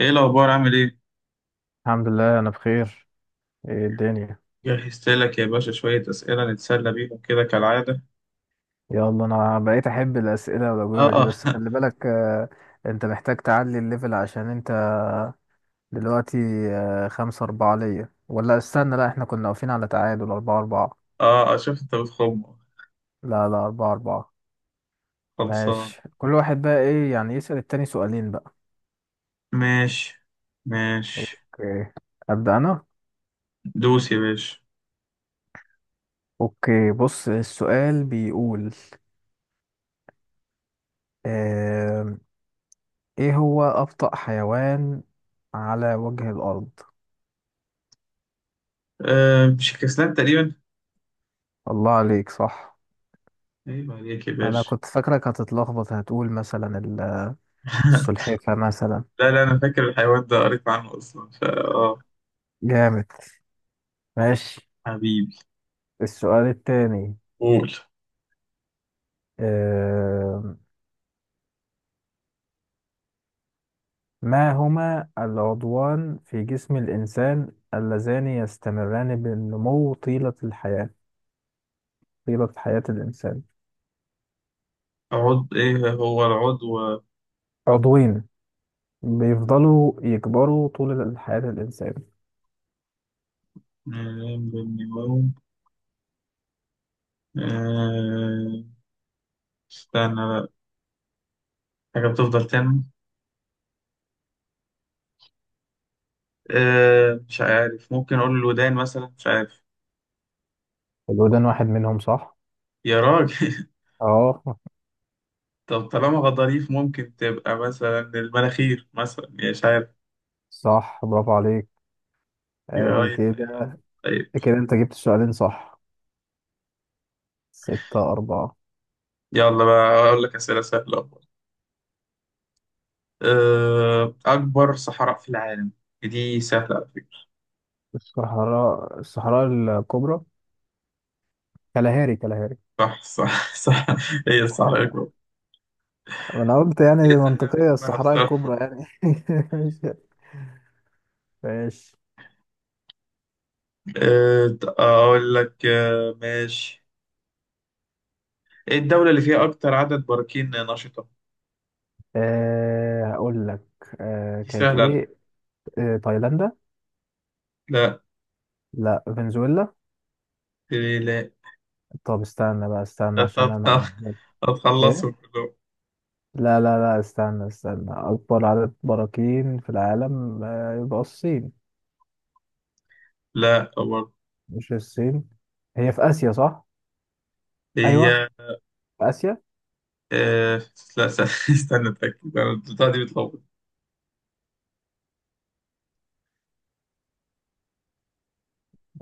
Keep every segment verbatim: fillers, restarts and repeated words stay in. ايه الاخبار؟ عامل ايه؟ الحمد لله، انا بخير. ايه الدنيا؟ جهزت لك يا باشا شويه اسئله نتسلى بيهم كده كالعاده. يلا انا بقيت احب الاسئله والاجوبه دي، اه بس خلي بالك. آه، انت محتاج تعلي الليفل عشان انت دلوقتي. آه، خمسة أربعة ليا، ولا استنى؟ لا، احنا كنا واقفين على تعادل أربعة أربعة. اه اشوف انت بتخم. لا لا، أربعة أربعة. خلصان. ماشي، كل واحد بقى ايه يعني، يسأل التاني سؤالين بقى. ماشي ماشي. اوكي، أبدأ أنا. دوس يا باشا. اوكي، بص السؤال بيقول آم، ايه هو أبطأ حيوان على وجه الأرض؟ آه مش كسلان تقريبا. الله عليك، صح. ايوه عليك يا انا باشا. كنت فاكرك هتتلخبط، هتقول مثلا ال- السلحفة مثلا. لا لا انا فاكر الحيوان ده قريت عنه اصلا فا اه جامد. ماشي. حبيبي. السؤال التاني، قول. آه، ما هما العضوان في جسم الإنسان اللذان يستمران بالنمو طيلة الحياة، طيلة حياة الإنسان؟ عضو ايه هو العضو آه، عضوين بيفضلوا يكبروا طول حياة الإنسان. من النمو. آه استنى بقى. حاجه بتفضل تنمو. أه مش عارف ممكن اقول الودان مثلا مش عارف. الودان واحد منهم صح؟ يا راجل. اه. طب طالما غضاريف ممكن تبقى مثلا المناخير مثلا يا مش عارف. صح، برافو عليك. يا ادي ريس. كده. طيب. كده انت جبت السؤالين، صح؟ ستة أربعة. يلا بقى اقول لك اسئله سهله أهو. أه اكبر صحراء في العالم. دي سهله على فكره. الصحراء الصحراء الكبرى. كالهاري كالهاري. صح صح صح. هي الصحراء الاكبر. انا قلت يعني هي سهله منطقية، باسمها الصحراء بصراحه. الكبرى يعني. ماشي ماشي. أه اقول لك أه ماشي. ايه الدوله اللي فيها اكتر عدد براكين نشطه؟ أه هقول لك. أه دي كانت سهله على فكره. ايه؟ أه تايلاندا. لا لا، فنزويلا. لا طب استنى بقى، استنى عشان لا انا عارف. ايه. هتخلصهم كلهم. لا لا لا، استنى استنى، اكبر عدد براكين في العالم أه يبقى الصين. لا برضه. مش الصين. هي في اسيا صح؟ ايوه، هي في اسيا. آه... لا س- استنى اتاكد انا البتاعه دي بتلخبط.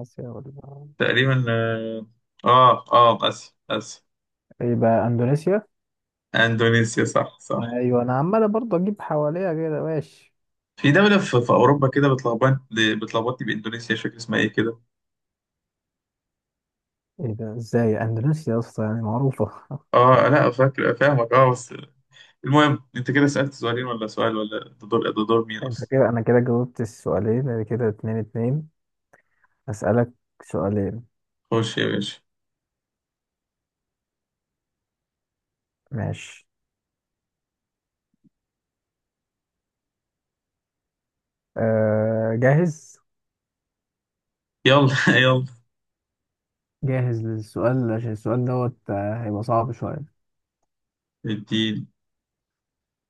اسيا ولا؟ تقريبا. اه اه آه، اسيا اسيا. يبقى اندونيسيا. اندونيسيا صح صح. ايوه، انا عمال برضه اجيب حواليها كده. ماشي. في دولة في, في أوروبا كده بتلخبط. بتلخبطني بإندونيسيا مش فاكر اسمها إيه كده. ايه ده، ازاي اندونيسيا يا اسطى، يعني معروفة. آه لا فاكر فاهمك آه بس. المهم أنت كده سألت سؤالين ولا سؤال ولا ده دور ده دور مين انت أصلا. كده، انا كده جاوبت السؤالين، أدي كده اتنين اتنين. اسألك سؤالين. خش يا باشا. ماشي. أه جاهز. يلا يلا. جاهز للسؤال، عشان السؤال دوت آه، هيبقى صعب شوية. الدين.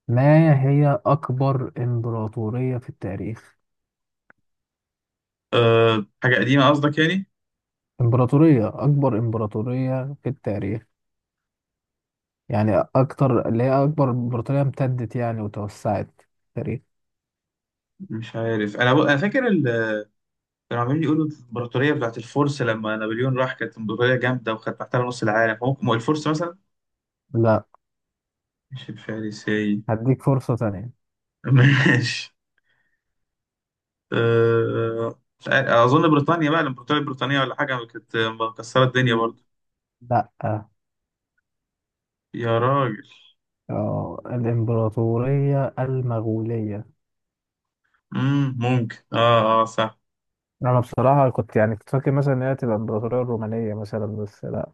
ما هي أكبر إمبراطورية في التاريخ؟ آه حاجة قديمة قصدك يعني. إمبراطورية أكبر إمبراطورية في التاريخ، يعني أكتر اللي هي أكبر إمبراطورية امتدت يعني وتوسعت في التاريخ. مش عارف أنا أنا فاكر. كانوا عمالين يقولوا الامبراطوريه بتاعت الفرس لما نابليون راح كانت امبراطوريه جامده وكانت محتله نص العالم هو هو الفرس مثلا. لا، مش الفارسي. هديك فرصة تانية. ماشي. أه... مش عارف. اظن بريطانيا بقى الامبراطوريه البريطانيه ولا حاجه كانت مكسره الدنيا مم. برضه. لا. يا راجل. اه، الإمبراطورية المغولية. امم ممكن اه اه صح. أنا بصراحة كنت يعني كنت فاكر مثلا إن هي تبقى الإمبراطورية الرومانية مثلا، بس لا.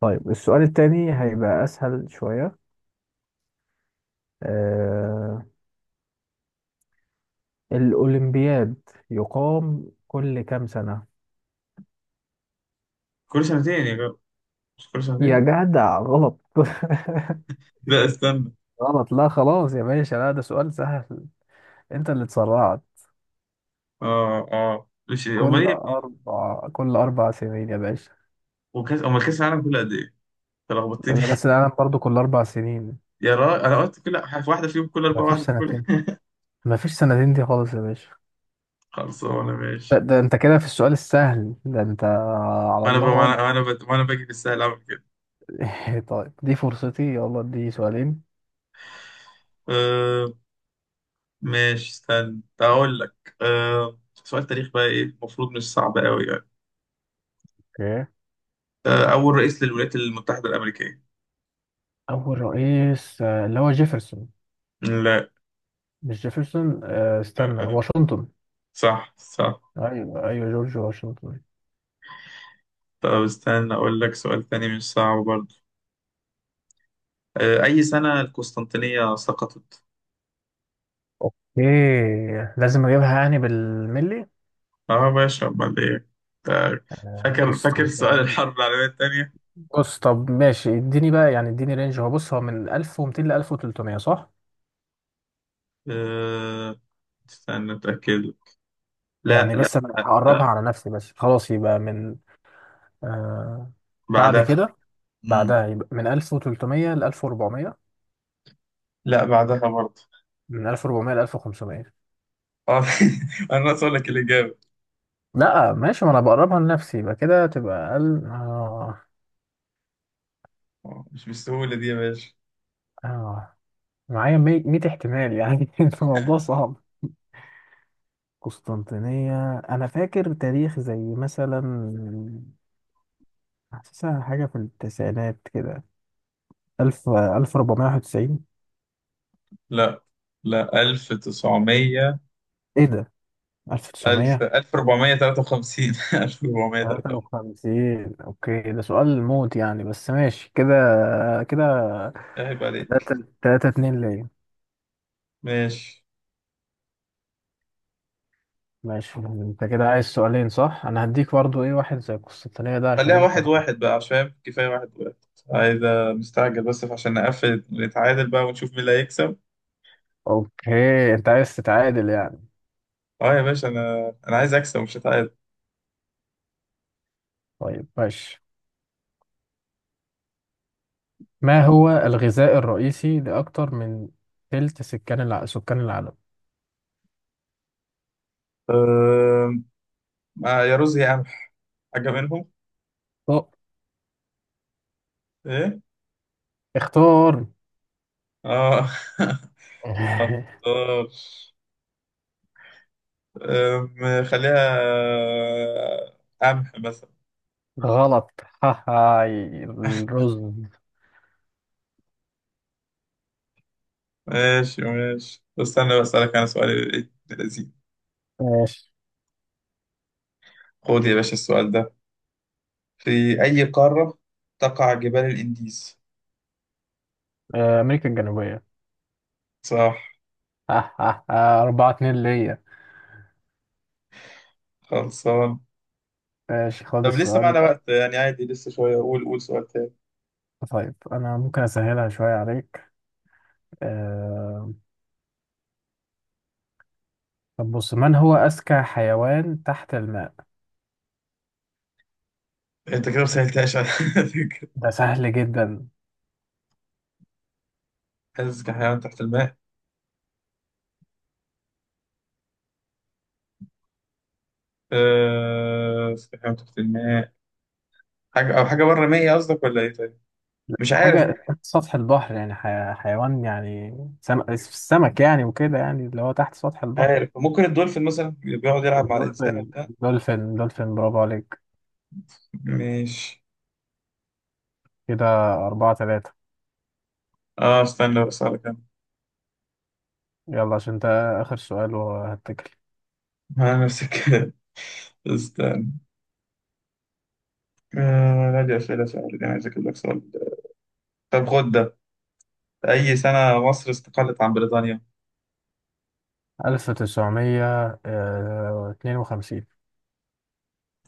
طيب السؤال التاني هيبقى أسهل شوية. آه، الأولمبياد يقام كل كام سنة؟ كل سنتين يا جماعة. مش كل يا سنتين. جدع غلط. لا استنى. غلط، لا خلاص يا باشا، لا ده سؤال سهل، أنت اللي اتسرعت. اه اه مش كل امال ايه. أربع كل أربع سنين يا باشا. وكاس امال كاس العالم كله قد ايه؟ تلخبطتني بس العالم برضو كل أربع سنين. يا راجل انا قلت كل واحده فيهم كل اربعه مفيش واحده في كل. سنتين. مفيش سنتين دي خالص يا باشا. خلصانه ده, ماشي. ده انت كده في السؤال السهل ده انت على ما انا ب... الله ما خالص. انا ما انا, ب... ما أنا باجي بالسهل اعمل كده. طيب دي فرصتي، يلا دي سؤالين. أه... ماشي. استنى اقول لك أه... سؤال تاريخ بقى ايه المفروض مش صعب قوي يعني. اوكي. أه... اول رئيس للولايات المتحدة الامريكية. اول رئيس، آه، اللي هو جيفرسون. لا. مش جيفرسون، آه، استنى، أه... واشنطن. صح صح. ايوه ايوه، جورج واشنطن. طب استنى اقول لك سؤال تاني مش صعب برضه. أه... اي سنة القسطنطينية سقطت؟ اوكي. لازم اجيبها يعني بالملي؟ اه باشا امال ايه. طيب، فاكر فاكر قسطم سؤال تمام. الحرب العالمية التانية. بص، طب ماشي، اديني بقى يعني اديني رينج. هو بص، هو من ألف ومئتين ل ألف وتلتمية صح؟ أه... استنى اتاكد. لا يعني لا بس انا هقربها لا على نفسي بس، خلاص يبقى من آه بعد بعدها. كده. مم. بعدها يبقى من ألف وتلتمية ل ألف وأربعمية. لا بعدها برضه. من ألف وأربعمية ل ألف وخمسمية. اه. انا ناقص اقول لك الاجابه. لا ماشي، ما انا بقربها لنفسي، يبقى كده تبقى اقل. آه آه، مش بالسهوله دي يا باشا. آه معايا مية احتمال يعني. الموضوع آه، صعب. قسطنطينية انا فاكر تاريخ زي مثلا، حاسسها حاجة في التسعينات كده. ألف ألف وأربعمية وواحد وتسعين. لا. لا ألف وتسعمية. ايه ده، ألف ألف وتسعمية؟ ألف وأربعمية وتلاتة وخمسين ألف وأربعمية وتلاتة وخمسين. تلاتة وخمسين، اوكي. ده سؤال موت يعني، بس ماشي كده. كده عيب عليك. تلاتة تلاتة، اتنين ليا. ماشي. ماشي، انت كده عايز سؤالين صح، انا هديك برضو ايه واحد زي القسطنطينية ده عشان خليها انت. واحد واحد بقى عشان كفايه واحد واحد. عايز. مستعجل بس عشان نقفل نتعادل بقى ونشوف مين اللي هيكسب. اوكي انت عايز تتعادل يعني. اه يا باشا انا انا عايز اكسب مش هتعادل. طيب ماشي. ما هو الغذاء الرئيسي لأكتر من تلت سكان الع... سكان العالم؟ أم... آه يا رز يا قمح. حاجه منهم. طب ايه. اختار. اه. آه. أم، خليها آه، قمح مثلا. غلط. هاي الرز. ماشي ماشي طب استنى بسألك أنا سؤال ابن لذيذ. ماشي. خد يا باشا السؤال ده. في أي قارة تقع جبال الإنديز؟ آه، أمريكا الجنوبية. صح. أربعة اتنين ليا. خلصان. ماشي خد طب لسه السؤال معنا ده. وقت يعني عادي لسه شوية. قول قول سؤال تاني. طيب أنا ممكن أسهلها شوية عليك. آه، طب بص، من هو أذكى حيوان تحت الماء؟ أنت كده مسهلتهاش على فكرة. ده سهل جدا. حاسس كحيوان تحت الماء. أه... كحيوان تحت الماء. حاجة أو حاجة بره مية قصدك ولا إيه طيب؟ مش عارف حاجة مش تحت سطح البحر، يعني حي... حيوان يعني، سم... السمك يعني وكده، يعني اللي هو تحت سطح البحر. عارف ممكن الدولفين مثلا بيقعد يلعب مع الإنسان الدولفين. وبتاع. دولفين دولفين، برافو عليك. ماشي. كده أربعة تلاتة. اه استنى بس على كده. يلا عشان ده آخر سؤال وهتكل. آه، نفس الكلام. استنى. آه لا دي أسئلة سهلة دي أنا عايز أجيب لك سؤال. طب خد ده. أي سنة مصر استقلت عن بريطانيا؟ ألف تسعمية آه، اتنين وخمسين.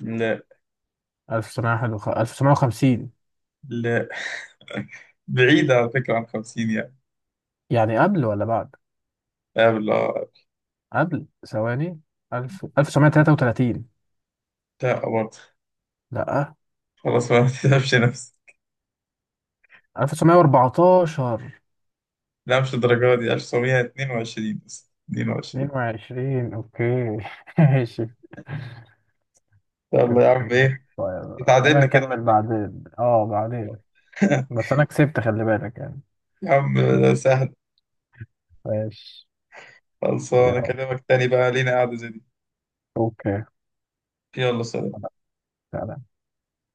لا. ألف تسعمية. ألف تسعمية وخمسين. لا. بعيدة على فكرة عن خمسين يعني. يعني قبل ولا بعد؟ لا بالله. قبل ثواني. ألف ألف تسعمية تلاتة وتلاتين. لا برضه. لأ. خلاص بقى ما تتعبش نفسك. ألف وتسعمية واربعتاشر. لا مش الدرجة دي. ألف وتسعمية واتنين وعشرين بس اتنين وعشرين. اتنين وعشرين، اوكي. ماشي. يلا يا عم اوكي. إيه. طيب خلينا اتعادلنا كده. نكمل بعدين، اه بعدين. بس انا كسبت خلي بالك يعني. يا عم ده سهل. ماشي. خلصانة يلا. أكلمك تاني بقى لينا قعدة زي دي. اوكي. يلا سلام. خلاص. تعالى.